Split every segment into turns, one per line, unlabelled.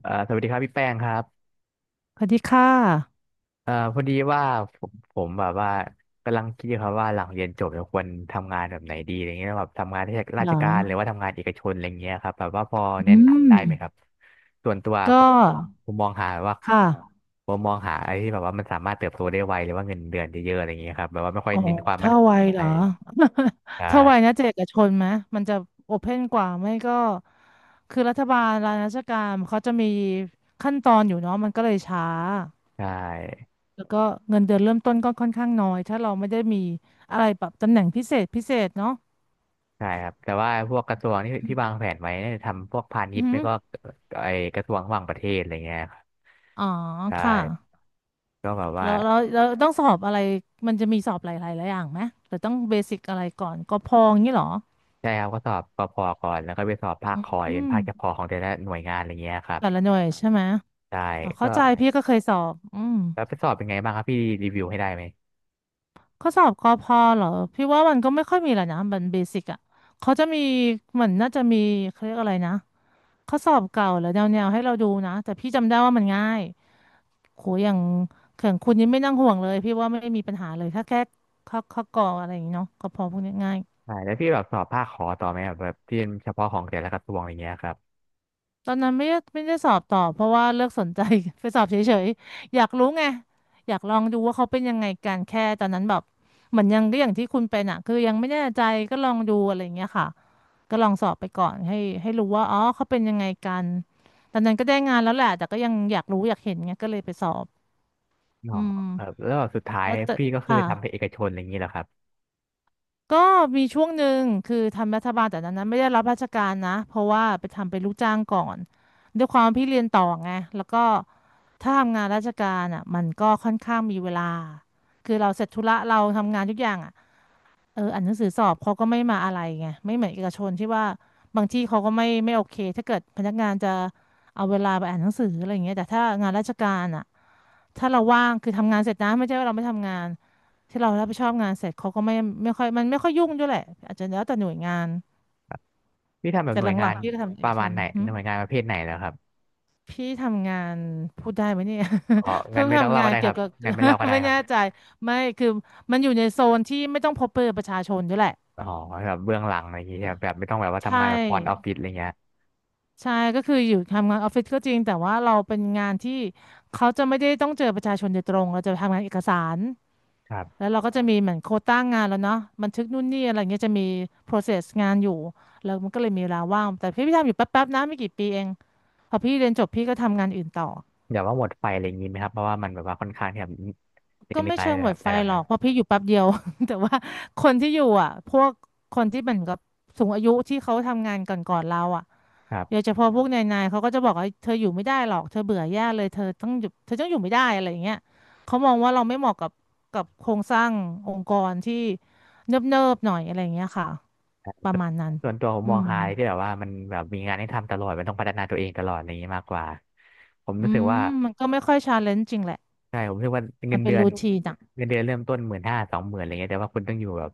สวัสดีครับพี่แป้งครับ
สวัสดีค่ะ
พอดีว่าผมแบบว่ากำลังคิดอยู่ครับว่าหลังเรียนจบจะควรทำงานแบบไหนดีอะไรเงี้ยแบบทำงานรา
เหร
ช
อ
การหรือว่าทำงานเอกชนอะไรเงี้ยครับแบบว่าพอ
อื
แนะ
ม
นำได้ไหมครับส่วนตัวผ
ก็
มผมมองหาว่า
ค่ะ
ผมมองหาอะไรที่แบบว่ามันสามารถเติบโตได้ไวหรือว่าเงินเดือนเยอะๆอะไรเงี้ยครับแบบว่าไม่ค่อย
อ๋อ
เน้นความมั่น
ถ้า
คง
ไว
อะ
เหร
ไร
อ
ใช่
ถ้าไวนะจะเอกชนไหม มันจะโอเพ่นกว่าไม่ก็ คือรัฐบาลรัฐราชการเขาจะมีขั้นตอนอยู่เนาะมันก็เลยช้า
ใช่
แล้วก็เงินเดือนเริ่มต้นก็ค่อนข้างน้อย ถ้าเราไม่ได้มีอะไรแบบตำแหน่งพิเศษพิเศษเนาะ
ใช่ครับแต่ว่าพวกกระทรวงที่วางแผนไว้เนี่ยทำพวกพาณิ
อื
ช
อ
ย์ไม่
หือ
ก็ไอกระทรวงต่างประเทศอะไรเงี้ยครับ
อ๋อ
ใช
ค่ะ
่ ก็แบบว่า
เราต้องสอบอะไรมันจะมีสอบหลายๆหลายอย่างไหมหรือต้องเบสิกอะไรก่อนกพอย่างนี้เหรอ
ใช่ครับก็สอบกพก่อนแล้วก็ไปสอบภาคคอย
อื
เป็นภาคเฉ
ม
พาะของแต่ละหน่วยงานอะไรเงี้ยครับ
แต่ละหน่วยใช่ไหม
ใช่
อ๋อ
ก็
เข้าใจพี่ก็เคยสอบอืม
แล้วไปสอบเป็นไงบ้างครับพี่รีวิวให้ได้ไหม
ข้อสอบกอพอเหรอพี่ว่ามันก็ไม่ค่อยมีแหละนะมันเบสิกอ่ะเขาจะมีเหมือนน่าจะมีเขาเรียกอะไรนะข้อสอบเก่าหรือแนวๆให้เราดูนะแต่พี่จำได้ว่ามันง่ายโหอย่างเข่องคุณนี่ไม่นั่งห่วงเลยพี่ว่าไม่มีปัญหาเลยถ้าแค่ข้อกออะไรอย่างงี้เนาะกอพอพวกนี้ง่าย
ใช่แล้วพี่แบบสอบภาคคอต่อไหมแบบที่เป็นเฉพาะของแต่ละกระทรวงอะไรเงี้ยครับ
ตอนนั้นไม่ได้สอบต่อเพราะว่าเลิกสนใจ ไปสอบเฉยๆ อยากรู้ไงอยากลองดูว่าเขาเป็นยังไงกันแค่ตอนนั้นแบบเหมือนยังก็อย่างที่คุณเป็นอ่ะคือยังไม่แน่ใจก็ลองดูอะไรอย่างเงี้ยค่ะก็ลองสอบไปก่อนให้ให้รู้ว่าอ๋อเขาเป็นยังไงกันตอนนั้นก็ได้งานแล้วแหละแต่ก็ยังอยากรู้อยากเห็นไงก็เลยไปสอบ
อ๋อ
อื
ครับ
ม
แล้วแบบสุดท้าย
แล้วแต่
พี่ก็คือ
ค่ะ
ทำเป็นเอกชนอะไรอย่างงี้เหรอครับ
ก็มีช่วงหนึ่งคือทำรัฐบาลแต่นั้นนะไม่ได้รับราชการนะเพราะว่าไปทำเป็นลูกจ้างก่อนด้วยความพี่เรียนต่อไงแล้วก็ถ้าทำงานราชการอ่ะมันก็ค่อนข้างมีเวลาคือเราเสร็จธุระเราทำงานทุกอย่างอ่ะ เอออ่านหนังสือสอบเขาก็ไม่มาอะไรไงไม่เหมือนเอกชนที่ว่าบางที่เขาก็ไม่โอเคถ้าเกิดพนักงานจะเอาเวลาไปอ่านหนังสืออะไรอย่างเงี้ยแต่ถ้างานราชการอ่ะถ้าเราว่างคือทำงานเสร็จนะไม่ใช่ว่าเราไม่ทำงานที่เรารับผิดชอบงานเสร็จเขาก็ไม่ค่อยมันไม่ค่อยยุ่งด้วยแหละอาจจะแล้วแต่หน่วยงาน
พี่ทำแบบ
แต่
หน่
ห
วยงา
ลัง
น
ๆพี่ก็ทำเอ
ป
ก
ระ
ช
มาณ
น
ไหน
หึ
หน่วยงานประเภทไหนเหรอครับ
ทำงานพูดได้ไหมเนี่ย
อ๋อ งั้
เพิ่
น
ง
ไม่ต้อง
ทำ
เล่า
งา
ก็
น
ได้ค
เกี่ย
รั
ว
บ
กับ
งั้นไม่เล่าก็ ได้
ไม่
ครั
แน่ใจ
บ
ไม่คือมันอยู่ในโซนที่ไม่ต้องพบเจอประชาชนด้วยแหละ
อ๋อแบบเบื้องหลังอะไรอย่างงี้ใช่ไหมแบบไม่ต้องแบบว่า
ใช
ทำงานแบบฟรอนต์ออฟ
่
ฟิศอะไรเงี้ย
ใช่ก็คืออยู่ทำงานออฟฟิศก็จริงแต่ว่าเราเป็นงานที่เขาจะไม่ได้ต้องเจอประชาชนโดยตรงเราจะทำงานเอกสารแล้วเราก็จะมีเหมือนโควต้างานแล้วเนาะบันทึกนู่นนี่อะไรเงี้ยจะมี process งานอยู่แล้วมันก็เลยมีเวลาว่างแต่พี่ทำอยู่แป๊บๆนะไม่กี่ปีเองพอพี่เรียนจบพี่ก็ทำงานอื่นต่อ
แบบว่าหมดไฟอะไรอย่างนี้ไหมครับเพราะว่ามันแบบว่าค่อนข้างที่แบบเหน
ก็
ื่
ไม่
อย
เชิง
ๆ
หม
แบ
ด
บอะ
ไฟ
ไรแบบ
หรอ
เนี้ย
กเพราะพี่อยู่แป๊บเดียว แต่ว่าคนที่อยู่อ่ะพวกคนที่เหมือนกับสูงอายุที่เขาทำงานก่อนๆเราอ่ะ
ครั
เดี๋ยว
บ
เฉพาะพวกนายเขาก็จะบอกว่าเธออยู่ไม่ได้หรอกเธอเบื่อแย่เลยเธอต้องอยู่เธอต้องอยู่ไม่ได้อะไรอย่างเงี้ยเขามองว่าเราไม่เหมาะกับกับโครงสร้างองค์กรที่เนิบๆหน่อยอะไรอย่างเงี้ยค่ะประมาณนั้น
ส่วนตัวผม
อื
มอง
ม
หายที่แบบว่ามันแบบมีงานให้ทำตลอดมันต้องพัฒนาตัวเองตลอดอะไรอย่างนี้มากกว่าผม
อื
รู้สึก
ม
ว่า
มันก็ไม่ค่อยชาเลนจ์จริงแหละ
ใช่ผมรู้สึกว่าเงิ
มัน
น
เป็
เดื
น
อน
รูทีนอ่ะ
เงินเดือนเริ่มต้น15,00020,000อะไรเงี้ยแต่ว่าคุณต้องอยู่แบบ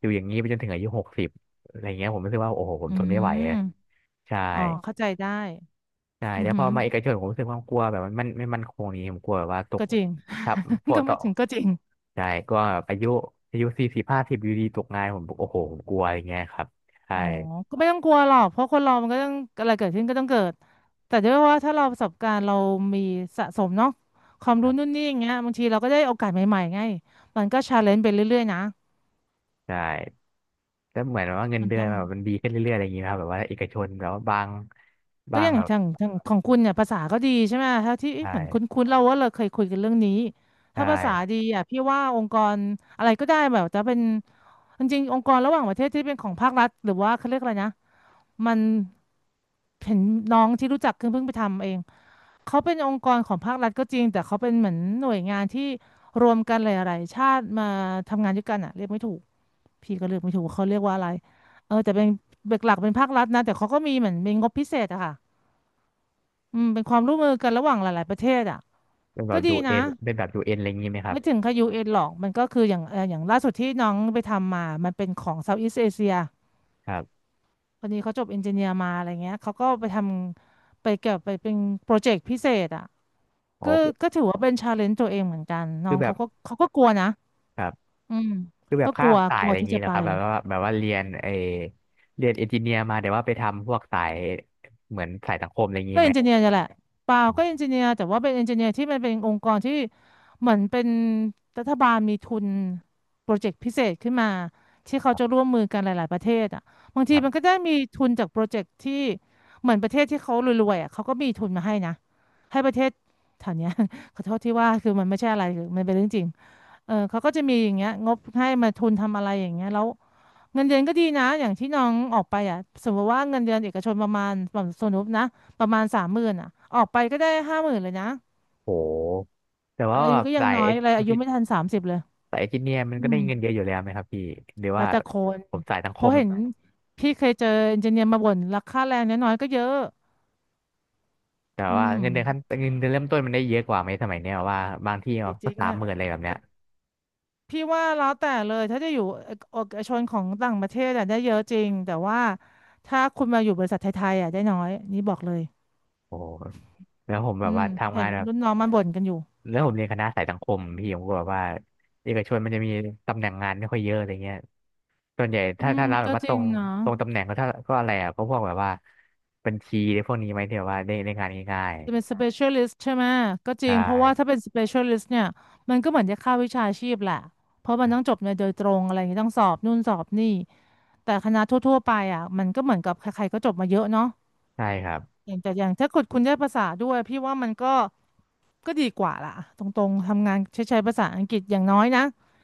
อยู่อย่างนี้ไปจนถึงอายุ60อะไรเงี้ยผมรู้สึกว่าโอ้โหผม
อื
ทนไม่ไหวอะ
ม
ใช่
อ๋อเข้าใจได้
ใช่
อือ
แต่พ
หื
อ
อ
มาเอกชนผมรู้สึกความกลัวแบบมันมันไม่มั่นคงนี้ผมกลัวแบบว่าตก
ก็จริง
ทับพว ก
ก็
ต่
ไม่
อ
ถึงก็จริง
ใช่ก็แบบอายุอายุ40-50อยู่ดีตกงานผมโอ้โหผมกลัวอย่างเงี้ยครับใช่
อ๋อ ก็ไม่ต้องกลัวหรอกเพราะคนเรามันก็ต้องอะไรเกิดขึ้นก็ต้องเกิด แต่ด้วยว่าถ้าเราประสบการณ์เรามีสะสมเนาะความ
ค
รู้
รั
นู่น
บ
นี่อย่างเงี้ยบางทีเราก็ได้โอกาสใหม่ๆไงมันก็ชาเลนจ์ไปเรื่อยๆนะ
ใช่แต่เหมือนว่าเงิน
มัน
เดือน
ต้อง
แบบมันดีขึ้นเรื่อยๆอะไรอย่างเงี้ยครับแบบว่าเอกชนแบบว่าบาง
ก็
บา
อ
ง
ย่าง
แบบ
ทางของคุณเนี่ยภาษาก็ดีใช่ไหมถ้าที่เอ๊ะ
ใช่
เหมือนคุ้นๆเราว่าเราเคยคุยกันเรื่องนี้
ใช
ถ้าภาษา
่
ดีอ่ะพี่ว่าองค์กรอะไรก็ได้แบบจะเป็นจริงๆองค์กรระหว่างประเทศที่เป็นของภาครัฐหรือว่าเขาเรียกอะไรนะมันเห็นน้องที่รู้จักเพิ่งไปทำเอง เขาเป็นองค์กรของภาครัฐก็จริงแต่เขาเป็นเหมือนหน่วยงานที่รวมกันหลายๆชาติมาทำงานด้วยกันอะเรียกไม่ถูกพี่ก็เรียกไม่ถูกเขาเรียกว่าอะไรเออแต่เป็นเบกหลักเป็นภาครัฐนะแต่เขาก็มีเหมือนมีงบพิเศษอะค่ะอืมเป็นความร่วมมือกันระหว่างหลายๆประเทศอะ
เป็นแบ
ก็
บ
ดี
ยูเอ็
นะ
นเป็นแบบยูเอ็นอะไรอย่างงี้ไหมครับ
ไม่ถึงกับยูเอ็นหรอกมันก็คืออย่างเอออย่างล่าสุดที่น้องไปทำมามันเป็นของเซาท์อีสเอเชีย
ครับ
คนนี้เขาจบเอนจิเนียร์มาอะไรเงี้ยเขาก็ไปทำไปเกี่ยวไปเป็นโปรเจกต์พิเศษอะ
อ๋อ
ก็
คือ
ก็ถือว่าเป็นชาเลนจ์ตัวเองเหมือนกันน้อ
คือ
ง
แบ
เขา
บ
ก็กลัวนะอืม
คือแบ
ก็
บ
ก
ข้า
ลั
ม
ว
สาย
กลั
อะ
ว
ไรอย่า
ที่
งนี้
จะ
นะ
ไป
ครับแบบว่าแบบว่าเรียนเรียนเอนจิเนียร์มาแต่ว่าไปทำพวกสายเหมือนสายสังคมอะไรอย่าง
ก็
นี้ไห
เอ
ม
นจิเนียร์นี่แหละเปล่า
อ๋อ
ก็เอนจิเนียร์แต่ว่าเป็นเอนจิเนียร์ที่มันเป็นองค์กรที่เหมือนเป็นรัฐบาลมีทุนโปรเจกต์พิเศษขึ้นมาที่เขา
ครับ
จะร่วมมือกันหลายๆประเทศอ่ะบาง
ค
ที
รั
มันก็
บ
ได้มีทุนจากโปรเจกต์ที่เหมือนประเทศที่เขารวยๆอ่ะเขาก็มีทุนมาให้นะให้ประเทศแถวเนี้ย ขอโทษที่ว่าคือมันไม่ใช่อะไรคือมันเป็นเรื่องจริง เออเขาก็จะมีอย่างเงี้ยงบให้มาทุนทำอะไรอย่างเงี้ยแล้วเงินเดือนก็ดีนะอย่างที่น้องออกไปอ่ะสมมติว่าเงินเดือนเอกชนประมาณแบบสมมตินะประมาณสามหมื่นอ่ะออกไปก็ได้50,000เลยนะ
โหแต่
อา
ว่าแบ
ยุ
บ
ก็ยังน้อยเลยอายุ
จิ
ไม่ทัน30เลย
สายเอนจิเนียร์มัน
อื
ก็ได้
ม
เงินเยอะอยู่แล้วไหมครับพี่หรือ
แล้
ว่า
วแต่คน
ผมสายสังค
เพราะ
ม
เห็นพี่เคยเจอเอนจิเนียร์มาบ่นราคาแรงน้อยๆก็เยอะ
แต่
อื
ว่า
ม
เงินเดือนขั้นเงินเดือนเริ่มต้นมันได้เยอะกว่าไหมสมัยเนี้ยว่าบางที่
จ
ก็
ริง
สา
ๆ
ม
อ่ะ
หมื่นอะไรแบบเนี้ย
พี่ว่าแล้วแต่เลยถ้าจะอยู่เอกชนของต่างประเทศอะได้เยอะจริงแต่ว่าถ้าคุณมาอยู่บริษัทไทยๆอะได้น้อยนี่บอกเลย
โอ้โหแล้วผมแบ
อื
บ
ม
ว่าทำ
เห็
งา
น
นแบบ
รุ่นน้องมันบ่นกันอยู่
แล้วผมเรียนคณะสายสังคมพี่ผมก็แบบว่าเอกชนมันจะมีตำแหน่งงานไม่ค่อยเยอะอะไรเงี้ย ส่วนใหญ่
อื
ถ้า
ม
ถ้ารับแบ
ก็
บว่า
จ
ต
ริ
ร
ง
ง
เนาะ
ตำแหน่งก็ถ้าก็อะไรอ่ะก็พวกแบบว่าบัญชีได้พวกนี้ไหมที่แบบว่าได้งานง่าย
จะเป็น specialist ใช่ไหมก็
ๆ
จริ
ใช่
งเพราะว่าถ้าเป็น specialist เนี่ยมันก็เหมือนจะเข้าวิชาชีพแหละเพราะมันต้องจบในโดยตรงอะไรอย่างงี้ต้องสอบนู่นสอบนี่แต่คณะทั่วๆไปอ่ะมันก็เหมือนกับใครๆก็จบมาเยอะเนาะ
ใช่ครับ
อย่างแต่อย่างถ้าคุณได้ภาษาด้วยพี่ว่ามันก็ ก็ดีกว่าล่ะตรงๆทำงานใช้ภาษาอังกฤษอย่างน้อยนะ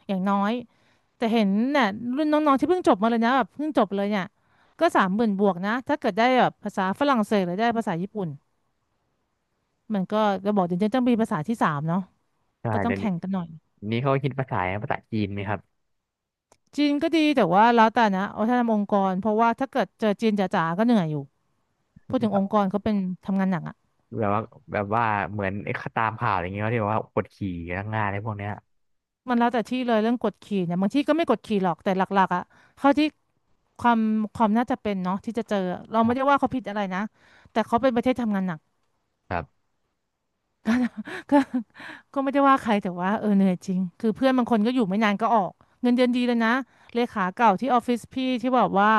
อย่างน้อยแต่เห็นเนี่ยรุ่นน้องๆที่เพิ่งจบมาเลยนะแบบเพิ่งจบเลยเนี่ยก็สามหมื่นบวกนะถ้าเกิดได้แบบภาษาฝรั่งเศสหรือได้ภาษาญี่ปุ่นมันก็จะบอกเดี๋ยต้องมีภาษาที่สามเนาะ
ใช่
ก็ต้อง
เดี๋ยวนี้
แข่งกันหน่อย
นี้เขาคิดภาษาจีนไหมครับ
จีนก็ดีแต่ว่าแล้วแต่นะเอาถ้าทำองค์กรเพราะว่าถ้าเกิดเจอจีนจ๋าๆก็เหนื่อยอยู่พูดถึงองค์กรเขาเป็นทำงานหนักอะ
แบบว่าแบบว่าเหมือนตามข่าวอะไรอย่างเงี้ยเขที่แบบว่ากดขี่พนักงานอะไรพวกเนี้ย
มันแล้วแต่ที่เลยเรื่องกฎขี่เนี่ยบางที่ก็ไม่กฎขี่หรอกแต่หลักๆอะเขาที่ ความความน่าจะเป็นเนาะที่จะเจอเรา
ค
ไม่
รั
ได้ว่า
บ
เขาผิดอะไรนะแต่เขาเป็นประเทศทำงานหนัก
ครับ
ก็ไม่ได้ว่าใครแต่ว่าเออเหนื่อยจริงคือเพื่อนบางคนก็อยู่ไม่นานก็ออกเงินเดือนดีเลยนะเลขาเก่าที่ออฟฟิศพี่ที่บอกว่า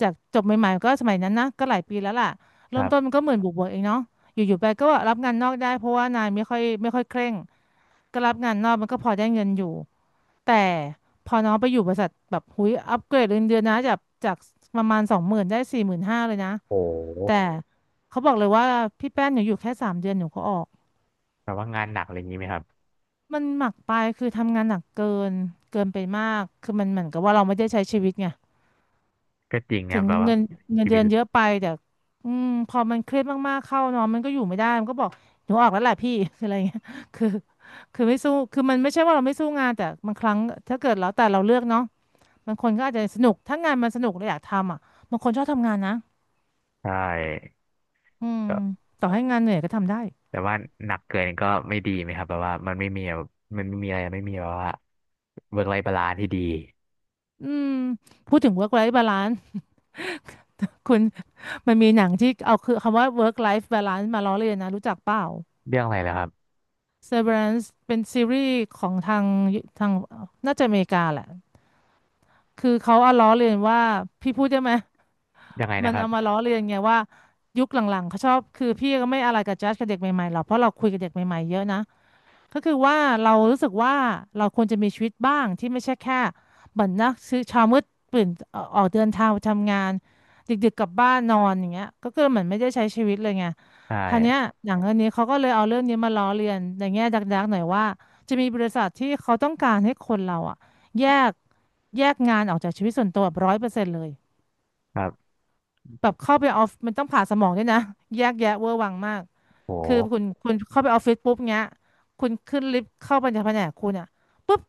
จากจบใหม่ๆก็สมัยนั้นนะก็หลายปีแล้วล่ะ
ค
เริ่
รั
มต้นมัน
บ
ก็หมื่นบวกๆเองเนาะอยู่ๆไปก็รับงานนอกได้เพราะว่านายไม่ค่อยเคร่งก็รับงานนอกมันก็พอได้เงินอยู่แต่พอน้องไปอยู่บริษัทแบบหุยอัปเกรดเงินเดือนนะจากประมาณ20,000ได้45,000เลยนะ
โอ้
แต่
โห
เขาบอกเลยว่าพี่แป้นหนูอยู่แค่3 เดือนหนูก็ออก
แบบว่างานหนักอะไรอย่างงี้ไหมครับ
มันหมักไปคือทำงานหนักนเกินไปมากคือมันเหมือนกับว่าเราไม่ได้ใช้ชีวิตไง
ก็จริงค
ถึ
รับ
ง
แบบว่า
เงินเงิน
ชี
เดื
วิต
อน
เล
เยอะ
ย
ไปแต่อืมพอมันเครียดมากๆเข้าเนอนมันก็อยู่ไม่ได้มันก็บอกหนูออกแล้วแหละพี่ คือ อะไรเงี้ยคือคือไม่สู้คือมันไม่ใช่ว่าเราไม่สู้งานแต่บางครั้งถ้าเกิดแล้วแต่เราเลือกเนาะบางคนก็อาจจะสนุกถ้างานมันสนุกเราอยากทำอ่ะบางคนชอบทำงานนะ
ใช่
อืมต่อให้งานเหนื่อยก็ทำได้
แต่ว่าหนักเกินก็ไม่ดีไหมครับแบบว่ามันไม่มีแบบมันไม่มีอะไรไม่มีแบบว่าเวิร์กไลฟ์บาลานซ์ที่ดี
อืมพูดถึง work life balance คุณ มันมีหนังที่เอาคือคำว่า work life balance มาล้อเลียนนะรู้จักเปล่า
เรื่องอะไรเหรอครับ
Severance เป็นซีรีส์ของทางน่าจะอเมริกาแหละคือเขาเอาล้อเลียนว่าพี่พูดได้ไหม
ยังไง
มั
นะ
น
ครั
เอามา
บ
ล้อเลียนไงว่ายุคหลังๆเขาชอบคือพี่ก็ไม่อะไรกับจัดกับเด็กใหม่ๆหรอกเพราะเราคุยกับเด็กใหม่ๆเยอะนะ ก็คือว่าเรารู้สึกว่าเราควรจะมีชีวิตบ้างที่ไม่ใช่แค่เหมือนนักซื้อเช้ามืดตื่นออกเดินทางไปทำงานดึกๆกลับบ้านนอนอย่างเงี้ยก็คือเหมือนไม่ได้ใช้ชีวิตเลยไง
ใช
ทีเนี้ย
่
หนังเรื่องนี้เขาก็เลยเอาเรื่องนี้มาล้อเลียนในแง่ดักๆหน่อยว่าจะมีบริษัทที่เขาต้องการให้คนเราอะแยกแยกงานออกจากชีวิตส่วนตัวแบบร้อยเปอร์เซ็นต์เลย
ครับ
แบบเข้าไปออฟมันต้องผ่าสมองด้วยนะ แยกแยะเวอร์วังมาก คือ
โห
คุณเข้าไปออฟฟิศปุ๊บเงี้ยคุณขึ้นลิฟต์เข้าไปในแผนกคุณอ่ะปุ๊บ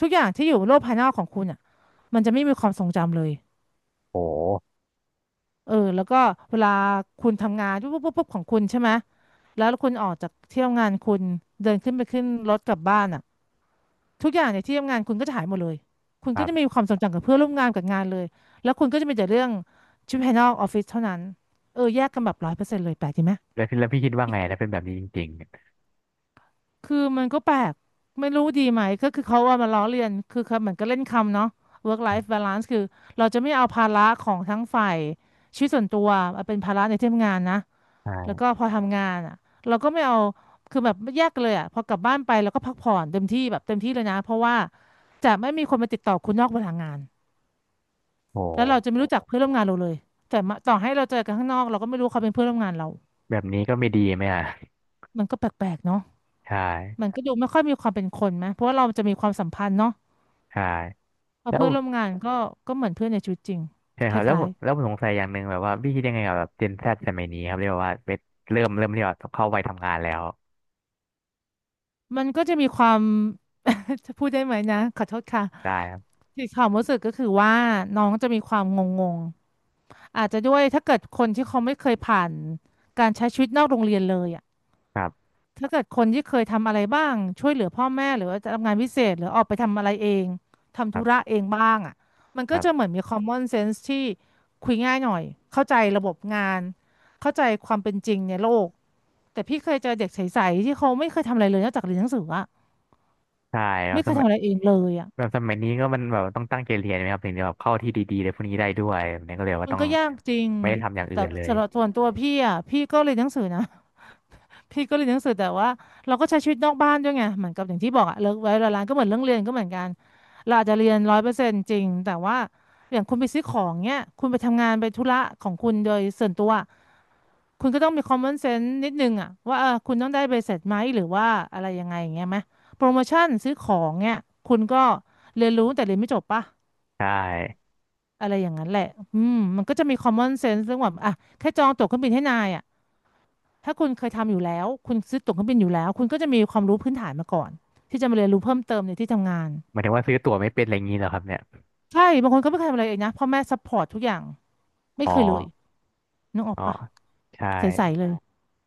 ทุกอย่างที่อยู่โลกภายนอกของคุณอ่ะมันจะไม่มีความทรงจำเลย
โห
เออแล้วก็เวลาคุณทำงานปุ๊บปุ๊บปุ๊บปุ๊บของคุณใช่ไหมแล้วคุณออกจากที่ทำงานคุณเดินขึ้นไปขึ้นรถกลับบ้านอ่ะทุกอย่างในที่ทำงานคุณก็จะหายหมดเลยคุณ
ค
ก็
รั
จะไม
บ
มีความทรงจำกับเพื่อนร่วมงานกับงานเลยแล้วคุณก็จะมีแต่เรื่องชีวิตภายนอกออฟฟิศเท่านั้นเออแยกกันแบบร้อยเปอร์เซ็นต์เลยแปลกดีไหม
แล้วพี่คิดว่าไงถ้าเป็นแบบนี้จริง
คือมันก็แปลกไม่รู้ดีไหมก็คือเขาว่ามาล้อเลียนคือเขาเหมือนก็เล่นคำเนาะ work life balance คือเราจะไม่เอาภาระของทั้งฝ่ายชีวิตส่วนตัวมาเป็นภาระในที่ทำงานนะ
ๆใช่
แล้วก็พอทำงานอ่ะเราก็ไม่เอาคือแบบแยกกันเลยอ่ะพอกลับบ้านไปเราก็พักผ่อนเต็มที่แบบเต็มที่เลยนะเพราะว่าจะไม่มีคนมาติดต่อคุณนอกเวลางานแล้วเรา
โห
จะไม่รู้จักเพื่อนร่วมงานเราเลยแต่มาต่อให้เราเจอกันข้างนอกเราก็ไม่รู้เขาเป็นเพื่อนร่วมงานเรา
แบบนี้ก็ไม่ดีไหมอ่ะ
มันก็แปลกๆเนาะ
ใช่
มันก็ดูไม่ค่อยมีความเป็นคนไหมเพราะว่าเราจะมีความสัมพันธ์เนาะ
ใช่
พอ
แล้
เพื่
ว
อนร่วมงานก็ก็เหมือนเพื่อนในชีวิตจริง
ใช่
ค
ครับแล้วผ
ล้า
ม
ย
สงสัยอย่างหนึ่งแบบว่าพี่คิดยังไงกับแบบเจนแซดสมัยนี้ครับเรียกว่าเริ่มเรียกว่าเข้าวัยทำงานแล้ว
ๆมันก็จะมีความ จะพูดได้ไหมนะขอโทษค่ะ
ได้ครับ
ที่ความรู้สึกก็คือว่าน้องจะมีความงงๆอาจจะด้วยถ้าเกิดคนที่เขาไม่เคยผ่านการใช้ชีวิตนอกโรงเรียนเลยอ่ะ
ครับ
ถ้าเกิดคนที่เคยทำอะไรบ้างช่วยเหลือพ่อแม่หรือว่าทำงานพิเศษหรือออกไปทำอะไรเองทำ
ค
ธุ
รั
ระ
บ
เองบ้างอ่ะมัน
ค
ก็
รั
จะ
บ
เหมือนมี common sense ที่คุยง่ายหน่อยเข้าใจระบบงานเข้าใจความเป็นจริงในโลก แต่พี่เคยเจอเด็กใสๆที่เขาไม่เคยทำอะไรเลยนอกจากเรียนหนังสืออะ
ใช่ครับ
ไม่เค
ส
ย
มั
ทำ
ย
อะไรเองเลยอะ
แบบสมัยนี้ก็มันแบบต้องตั้งใจเรียนไหมครับถึงจะแบบเข้าที่ดีๆเลยพวกนี้ได้ด้วยแบบนี้ก็เลย
มั
ว่า
น
ต้อง
ก็ยากจริง
ไม่ได้ทำอย่างอื่
แต่
นเลย
สำหรับส่วนตัวพี่อะพี่ก็เรียนหนังสือนะ พี่ก็เรียนหนังสือแต่ว่าเราก็ใช้ชีวิตนอกบ้านด้วยไงเหมือนกับอย่างที่บอกอะเลิกไว้เวลาร้านก็เหมือนเรื่องเรียนก็เหมือนกันเราอาจจะเรียนร้อยเปอร์เซ็นต์จริงแต่ว่าอย่างคุณไปซื้อของเนี้ยคุณไปทำงานไปธุระของคุณโดยส่วนตัว คุณก็ต้องมี common sense นิดนึงอะว่าเออคุณต้องได้ใบเสร็จไหมหรือว่าอะไรยังไงอย่างเงี้ยไหมโปรโมชั่นซื้อของเนี่ยคุณก็เรียนรู้แต่เรียนไม่จบปะ
ใช่
อะไรอย่างนั้นแหละอืมมันก็จะมี common sense เรื่องแบบอ่ะแค่จองตั๋วเครื่องบินให้นายอะถ้าคุณเคยทำอยู่แล้วคุณซื้อตั๋วเครื่องบินอยู่แล้วคุณก็จะมีความรู้พื้นฐานมาก่อนที่จะมาเรียนรู้เพิ่มเติมในที่ทำงาน
หมายถึงว่าซื้อตั๋วไม่เป็นอะไรอย่างนี้เหรอครับเนี่ย
ใช่บางคนก็ไม่เคยทำอะไรเองนะพ่อแม่ซัพพอร์ตทุกอย่างไม่
อ๋อ
เคยเลยนึกออก
อ๋อ
ปะ
ใช่
ใสๆเลย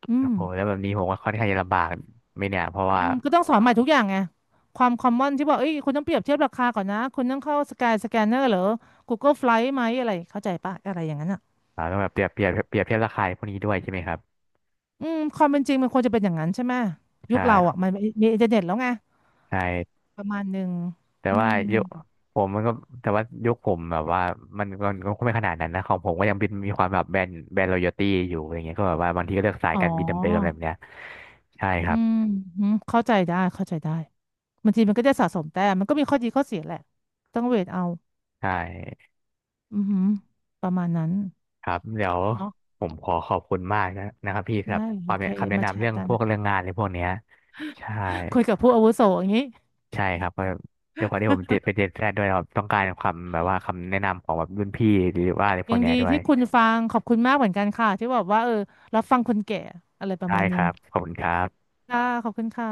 โ
อื
อ้
ม
โหแล้วแบบนี้ผมว่าค่อนข้างจะลำบากไหม่เนี่ยเพราะ
อื
ว่า
มก็ต้องสอนใหม่ทุกอย่างไงความคอมมอนที่บอกเอ้ยคุณต้องเปรียบเทียบราคาก่อนนะคุณต้องเข้าสกายสแกนเนอร์หรือ Google Flight ไหมอะไรเข้าใจปะอะไรอย่างนั้นอ่ะ
เราต้องแบบเปรียบเทียบราคาพวกนี้ด้วยใช่ไหมครับ
อืมความเป็นจริงมันควรจะเป็นอย่างนั้นใช่ไหม
ใ
ยุคเราอ่ะ
ช่
มันมีอินเทอร์เน็ตแล้วไง
ใช่
ประมาณหนึ่ง
แต่
อื
ว่า
ม
ยุคผมมันก็แต่ว่ายุคผมแบบว่ามันมันก็ไม่ขนาดนั้นนะของผมก็ยังเป็นมีความแบบแบรนด์รอยัลตี้อยู่อะไรเงี้ยก็แบบว่าบางทีก็เลือกสาย
อ๋
การบินเดิมๆอะไร
อ
แบบเนี้ยใช่ค
อื
รับ
มอืมเข้าใจได้เข้าใจได้บางทีมันก็จะสะสมแต้มมันก็มีข้อดีข้อเสียแหละต้องเวทเอา
ใช่
อือหือประมาณนั้น
ครับเดี๋ยว
เนาะ
ผมขอขอบคุณมากนะครับพี่สำหรับ
ได้
ค
โอ
วาม
เค
แนะคำแนะ
มาแช
นำเรื่
ร์
อง
กั
พ
น
วกเรื่องงานในพวกเนี้ยใช่
คุยกับผู้อาวุโสอย่างนี้
ใช่ครับเพราะด้วยความที่ผมติดไปเรียนแพทย์ด้วยครับต้องการความแบบว่าคำแนะนำของแบบรุ่นพี่หรือว่าอะไรพว
ยั
ก
ง
เนี้ย
ดี
ด้วย
ที่คุณฟังขอบคุณมากเหมือนกันค่ะที่บอกว่าเออรับฟังคนแก่อะไรประ
ได้
มาณ
ค
นึง
รับขอบคุณครับ
ค่ะขอบคุณค่ะ